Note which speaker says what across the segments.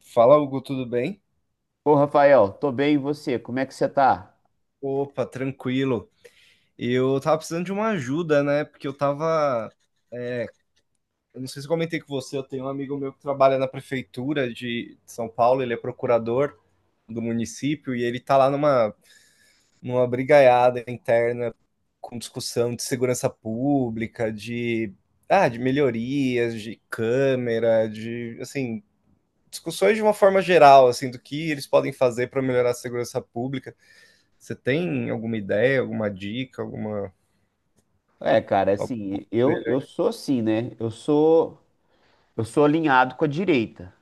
Speaker 1: Fala, Hugo, tudo bem?
Speaker 2: Ô, Rafael, tô bem, e você? Como é que você tá?
Speaker 1: Opa, tranquilo. Eu tava precisando de uma ajuda, né? Porque eu tava. É, Eu não sei se eu comentei com você, eu tenho um amigo meu que trabalha na prefeitura de São Paulo, ele é procurador do município e ele tá lá numa brigaiada interna com discussão de segurança pública, de melhorias, de câmera, de, assim, discussões de uma forma geral, assim, do que eles podem fazer para melhorar a segurança pública. Você tem alguma ideia, alguma dica, alguma.
Speaker 2: É, cara,
Speaker 1: Algo
Speaker 2: assim, eu,
Speaker 1: que
Speaker 2: eu sou assim, né? Eu sou alinhado com a direita.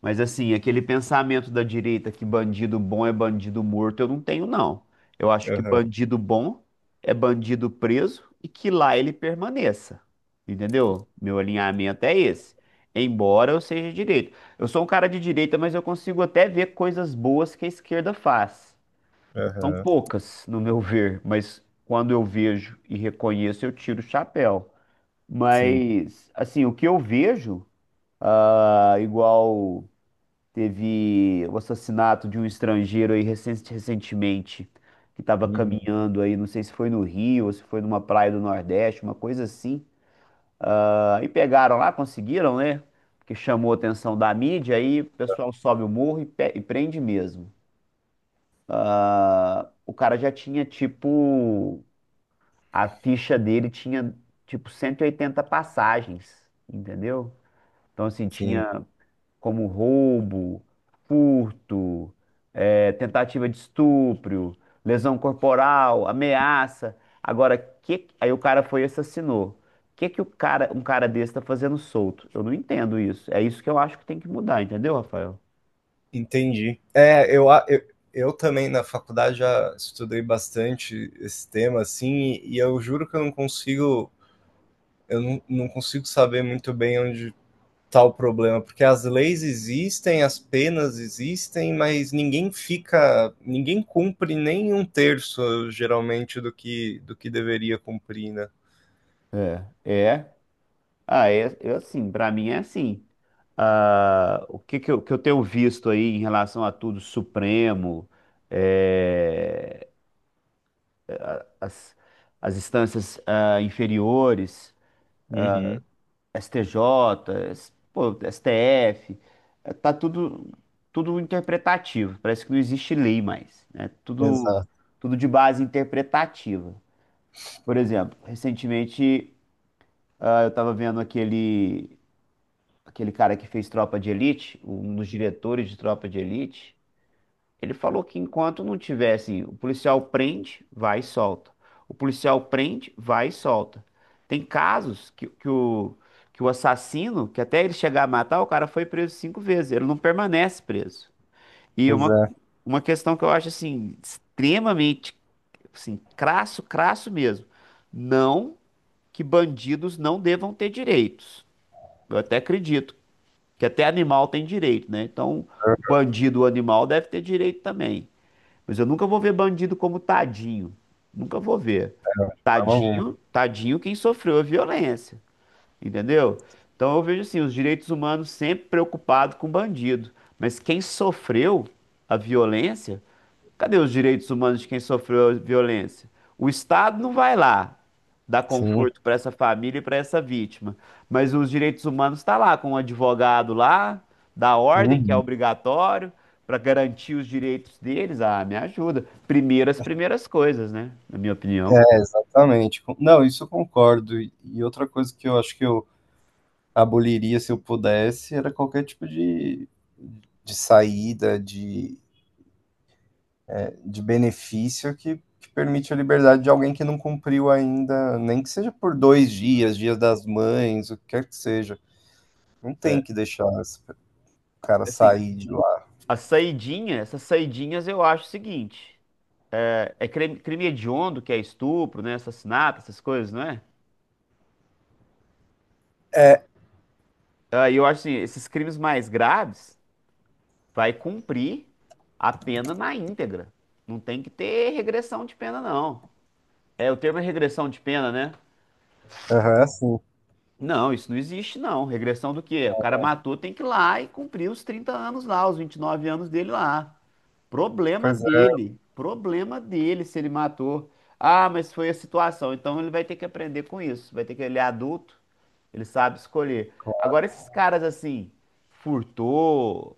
Speaker 2: Mas assim, aquele pensamento da direita que bandido bom é bandido morto, eu não tenho, não. Eu acho que
Speaker 1: Aham,
Speaker 2: bandido bom é bandido preso e que lá ele permaneça. Entendeu? Meu alinhamento é esse. Embora eu seja direito. Eu sou um cara de direita, mas eu consigo até ver coisas boas que a esquerda faz. São
Speaker 1: aham,
Speaker 2: poucas, no meu ver, mas quando eu vejo e reconheço, eu tiro o chapéu.
Speaker 1: sim,
Speaker 2: Mas, assim, o que eu vejo, igual teve o assassinato de um estrangeiro aí recentemente, que estava
Speaker 1: uhum,
Speaker 2: caminhando aí, não sei se foi no Rio ou se foi numa praia do Nordeste, uma coisa assim. Ah, e pegaram lá, conseguiram, né? Porque chamou a atenção da mídia, aí o pessoal sobe o morro e, e prende mesmo. Ah, o cara já tinha, tipo a ficha dele tinha tipo 180 passagens, entendeu? Então, assim,
Speaker 1: sim,
Speaker 2: tinha como roubo, furto, tentativa de estupro, lesão corporal, ameaça. Agora, aí o cara foi e assassinou. O que que o cara, um cara desse tá fazendo solto? Eu não entendo isso. É isso que eu acho que tem que mudar, entendeu, Rafael?
Speaker 1: entendi. Eu também na faculdade já estudei bastante esse tema, assim, e eu juro que eu não consigo, eu não consigo saber muito bem onde está o problema, porque as leis existem, as penas existem, mas ninguém fica, ninguém cumpre nem um terço, geralmente, do que deveria cumprir, né?
Speaker 2: É, é. Ah, é, eu assim, pra mim é assim. Ah, o que que eu tenho visto aí em relação a tudo Supremo, é, a- as, as instâncias inferiores,
Speaker 1: Uhum.
Speaker 2: STJ, pô, STF, tá tudo interpretativo. Parece que não existe lei mais, né? Tudo
Speaker 1: Exato.
Speaker 2: tudo de base interpretativa. Por exemplo, recentemente eu estava vendo aquele cara que fez Tropa de Elite, um dos diretores de Tropa de Elite, ele falou que enquanto não tivesse, o policial prende, vai e solta. O policial prende, vai e solta. Tem casos que o assassino, que até ele chegar a matar, o cara foi preso cinco vezes, ele não permanece preso. E
Speaker 1: Pois é,
Speaker 2: uma questão que eu acho assim, extremamente assim, crasso, crasso mesmo. Não que bandidos não devam ter direitos. Eu até acredito que até animal tem direito, né? Então, o
Speaker 1: é,
Speaker 2: bandido, o animal, deve ter direito também. Mas eu nunca vou ver bandido como tadinho. Nunca vou ver.
Speaker 1: de forma alguma.
Speaker 2: Tadinho, tadinho quem sofreu a violência, entendeu? Então eu vejo assim, os direitos humanos sempre preocupados com bandido, mas quem sofreu a violência. Cadê os direitos humanos de quem sofreu violência? O Estado não vai lá dar
Speaker 1: Sim.
Speaker 2: conforto para essa família e para essa vítima, mas os direitos humanos está lá com o advogado lá, da ordem que é
Speaker 1: Uhum.
Speaker 2: obrigatório para garantir os direitos deles. Ah, me ajuda. Primeiro as primeiras coisas, né? Na minha opinião.
Speaker 1: É, exatamente. Não, isso eu concordo. E outra coisa que eu acho que eu aboliria se eu pudesse era qualquer tipo de saída, de benefício que permite a liberdade de alguém que não cumpriu ainda, nem que seja por dois dias, dias das mães, o que quer que seja. Não
Speaker 2: É,
Speaker 1: tem que deixar esse cara
Speaker 2: assim,
Speaker 1: sair de lá.
Speaker 2: a saidinha, essas saidinhas eu acho o seguinte, é crime, crime hediondo, que é estupro, né? Assassinato, essas coisas, não é?
Speaker 1: É,
Speaker 2: Ah, e eu acho assim, esses crimes mais graves vai cumprir a pena na íntegra. Não tem que ter regressão de pena, não. É, o termo é regressão de pena, né?
Speaker 1: aham, sim.
Speaker 2: Não, isso não existe, não. Regressão do quê? O cara matou, tem que ir lá e cumprir os 30 anos lá, os 29 anos dele lá. Problema
Speaker 1: Pois é.
Speaker 2: dele. Problema dele se ele matou. Ah, mas foi a situação. Então ele vai ter que aprender com isso. Vai ter que, ele é adulto, ele sabe escolher. Agora, esses caras assim, furtou,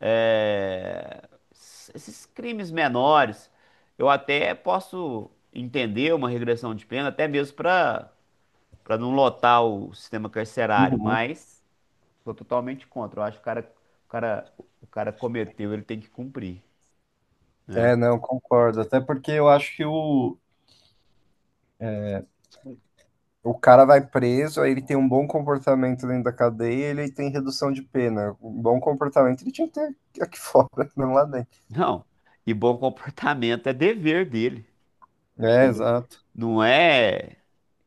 Speaker 2: esses crimes menores, eu até posso entender uma regressão de pena, até mesmo para não lotar o sistema carcerário,
Speaker 1: Uhum.
Speaker 2: mas sou totalmente contra. Eu acho que o cara, o cara cometeu, ele tem que cumprir, né?
Speaker 1: É, não, concordo. Até porque eu acho que o, O cara vai preso, aí ele tem um bom comportamento dentro da cadeia, ele tem redução de pena. Um bom comportamento ele tinha que ter aqui fora, não lá dentro.
Speaker 2: Não, e bom comportamento é dever dele,
Speaker 1: É, exato,
Speaker 2: não é.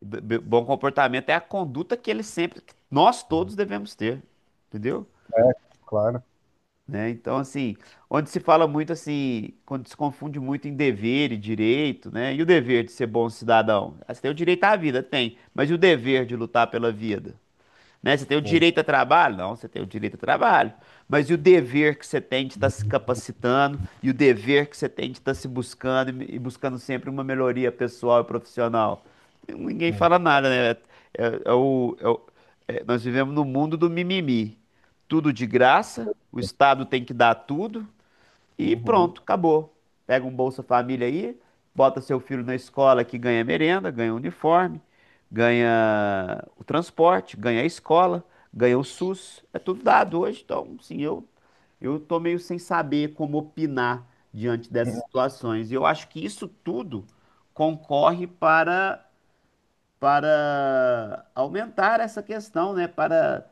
Speaker 2: Bom comportamento é a conduta que ele sempre, que nós todos devemos ter, entendeu?
Speaker 1: claro.
Speaker 2: Né? Então, assim, onde se fala muito assim, quando se confunde muito em dever e direito, né? E o dever de ser bom cidadão? Ah, você tem o direito à vida, tem, mas e o dever de lutar pela vida? Né? Você tem o
Speaker 1: Ex-
Speaker 2: direito a trabalho? Não, você tem o direito a trabalho. Mas e o dever que você tem de estar se capacitando e o dever que você tem de estar se buscando e buscando sempre uma melhoria pessoal e profissional? Ninguém fala
Speaker 1: Exato.
Speaker 2: nada, né? É- é o- é o- É, nós vivemos no mundo do mimimi. Tudo de graça, o Estado tem que dar tudo, e
Speaker 1: Uhum,
Speaker 2: pronto, acabou. Pega um Bolsa Família aí, bota seu filho na escola que ganha merenda, ganha uniforme, ganha o transporte, ganha a escola, ganha o SUS. É tudo dado hoje, então, sim, eu tô meio sem saber como opinar diante dessas situações. E eu acho que isso tudo concorre para aumentar essa questão, né? Para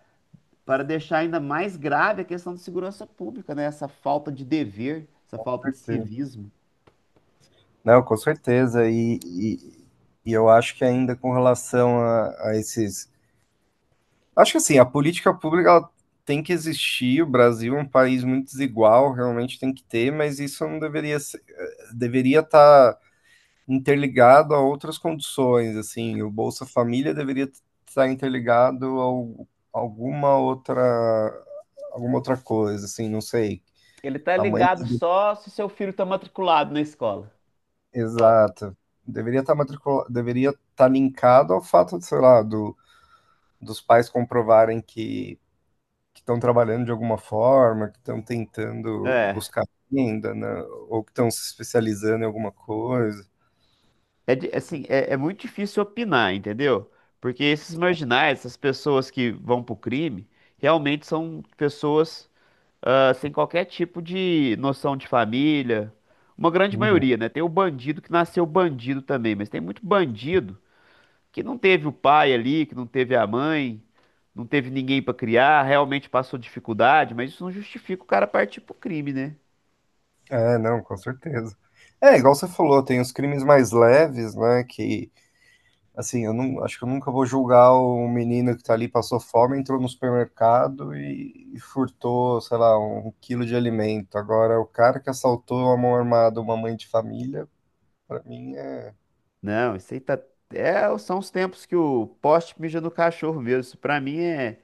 Speaker 2: deixar ainda mais grave a questão da segurança pública, né? Essa falta de dever, essa
Speaker 1: com
Speaker 2: falta de
Speaker 1: certeza.
Speaker 2: civismo.
Speaker 1: Não, com certeza. E eu acho que ainda com relação a esses. Acho que assim, a política pública ela tem que existir. O Brasil é um país muito desigual, realmente tem que ter, mas isso não deveria ser, deveria estar interligado a outras condições, assim, o Bolsa Família deveria estar interligado a alguma outra coisa, assim, não sei.
Speaker 2: Ele tá
Speaker 1: A mãe,
Speaker 2: ligado só se seu filho tá matriculado na escola. Ó,
Speaker 1: exato, deveria estar matricula, deveria estar linkado ao fato, de, sei lá, do, dos pais comprovarem que estão trabalhando de alguma forma, que estão tentando buscar renda, né, ou que estão se especializando em alguma coisa.
Speaker 2: é, assim, é, é muito difícil opinar, entendeu? Porque esses marginais, essas pessoas que vão pro crime, realmente são pessoas sem qualquer tipo de noção de família. Uma grande
Speaker 1: Uhum.
Speaker 2: maioria, né? Tem o bandido que nasceu bandido também, mas tem muito bandido que não teve o pai ali, que não teve a mãe, não teve ninguém pra criar, realmente passou dificuldade, mas isso não justifica o cara partir pro crime, né?
Speaker 1: É, não, com certeza. É, igual você falou, tem os crimes mais leves, né? Que, assim, eu não, acho que eu nunca vou julgar o menino que tá ali, passou fome, entrou no supermercado e furtou, sei lá, um quilo de alimento. Agora, o cara que assaltou a mão armada uma mãe de família, pra mim é.
Speaker 2: Não, isso aí tá. É, são os tempos que o poste mija no cachorro mesmo. Isso pra mim é,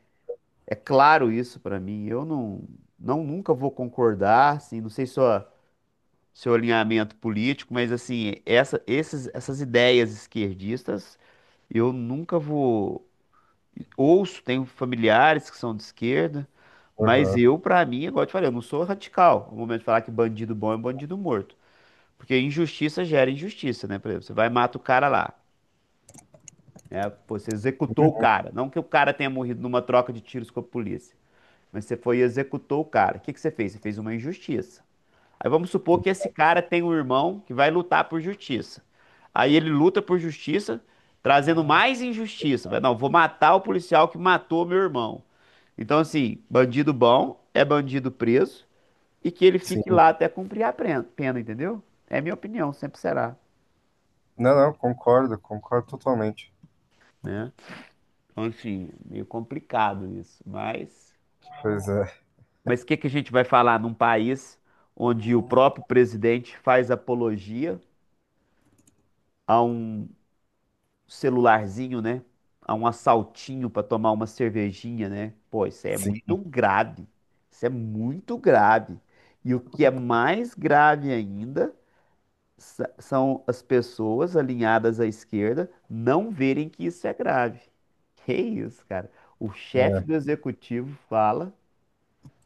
Speaker 2: é claro isso pra mim. Eu não, não nunca vou concordar, assim, não sei só seu alinhamento político, mas assim, essas ideias esquerdistas, eu nunca vou. Ouço, tenho familiares que são de esquerda,
Speaker 1: Aham,
Speaker 2: mas eu, pra mim, igual eu te falei, eu não sou radical. No momento de falar que bandido bom é bandido morto. Porque injustiça gera injustiça, né? Por exemplo, você vai e mata o cara lá, né? Pô, você executou o cara. Não que o cara tenha morrido numa troca de tiros com a polícia, mas você foi e executou o cara. O que que você fez? Você fez uma injustiça. Aí vamos supor que esse cara tem um irmão que vai lutar por justiça. Aí ele luta por justiça, trazendo mais injustiça. Vai, não, vou matar o policial que matou meu irmão. Então, assim, bandido bom é bandido preso e que ele fique
Speaker 1: sim.
Speaker 2: lá até cumprir a pena, entendeu? É minha opinião, sempre será,
Speaker 1: Não, não, concordo, concordo totalmente.
Speaker 2: né? Então, enfim, meio complicado isso, mas.
Speaker 1: Pois é,
Speaker 2: Mas o que que a gente vai falar num país onde o próprio presidente faz apologia a um celularzinho, né? A um assaltinho para tomar uma cervejinha, né? Pô, isso é
Speaker 1: sim.
Speaker 2: muito grave. Isso é muito grave. E o que é mais grave ainda são as pessoas alinhadas à esquerda não verem que isso é grave. Que isso, cara? O chefe
Speaker 1: É,
Speaker 2: do executivo fala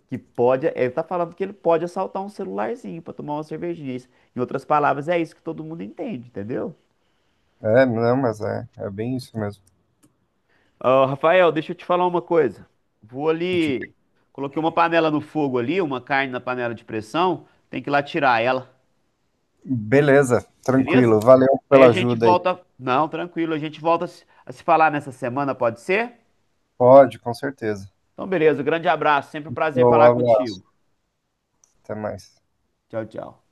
Speaker 2: que pode, ele tá falando que ele pode assaltar um celularzinho para tomar uma cervejinha. Isso. Em outras palavras, é isso que todo mundo entende, entendeu?
Speaker 1: é, não, mas é, é bem isso mesmo.
Speaker 2: Ô, Rafael, deixa eu te falar uma coisa. Vou
Speaker 1: De-
Speaker 2: ali. Coloquei uma panela no fogo ali, uma carne na panela de pressão. Tem que ir lá tirar ela,
Speaker 1: Beleza,
Speaker 2: beleza?
Speaker 1: tranquilo. Valeu
Speaker 2: Aí a
Speaker 1: pela
Speaker 2: gente
Speaker 1: ajuda aí.
Speaker 2: volta. Não, tranquilo, a gente volta a se falar nessa semana, pode ser?
Speaker 1: Pode, com certeza.
Speaker 2: Então, beleza. Grande abraço. Sempre um prazer
Speaker 1: Show, um
Speaker 2: falar
Speaker 1: abraço,
Speaker 2: contigo.
Speaker 1: até mais.
Speaker 2: Tchau, tchau.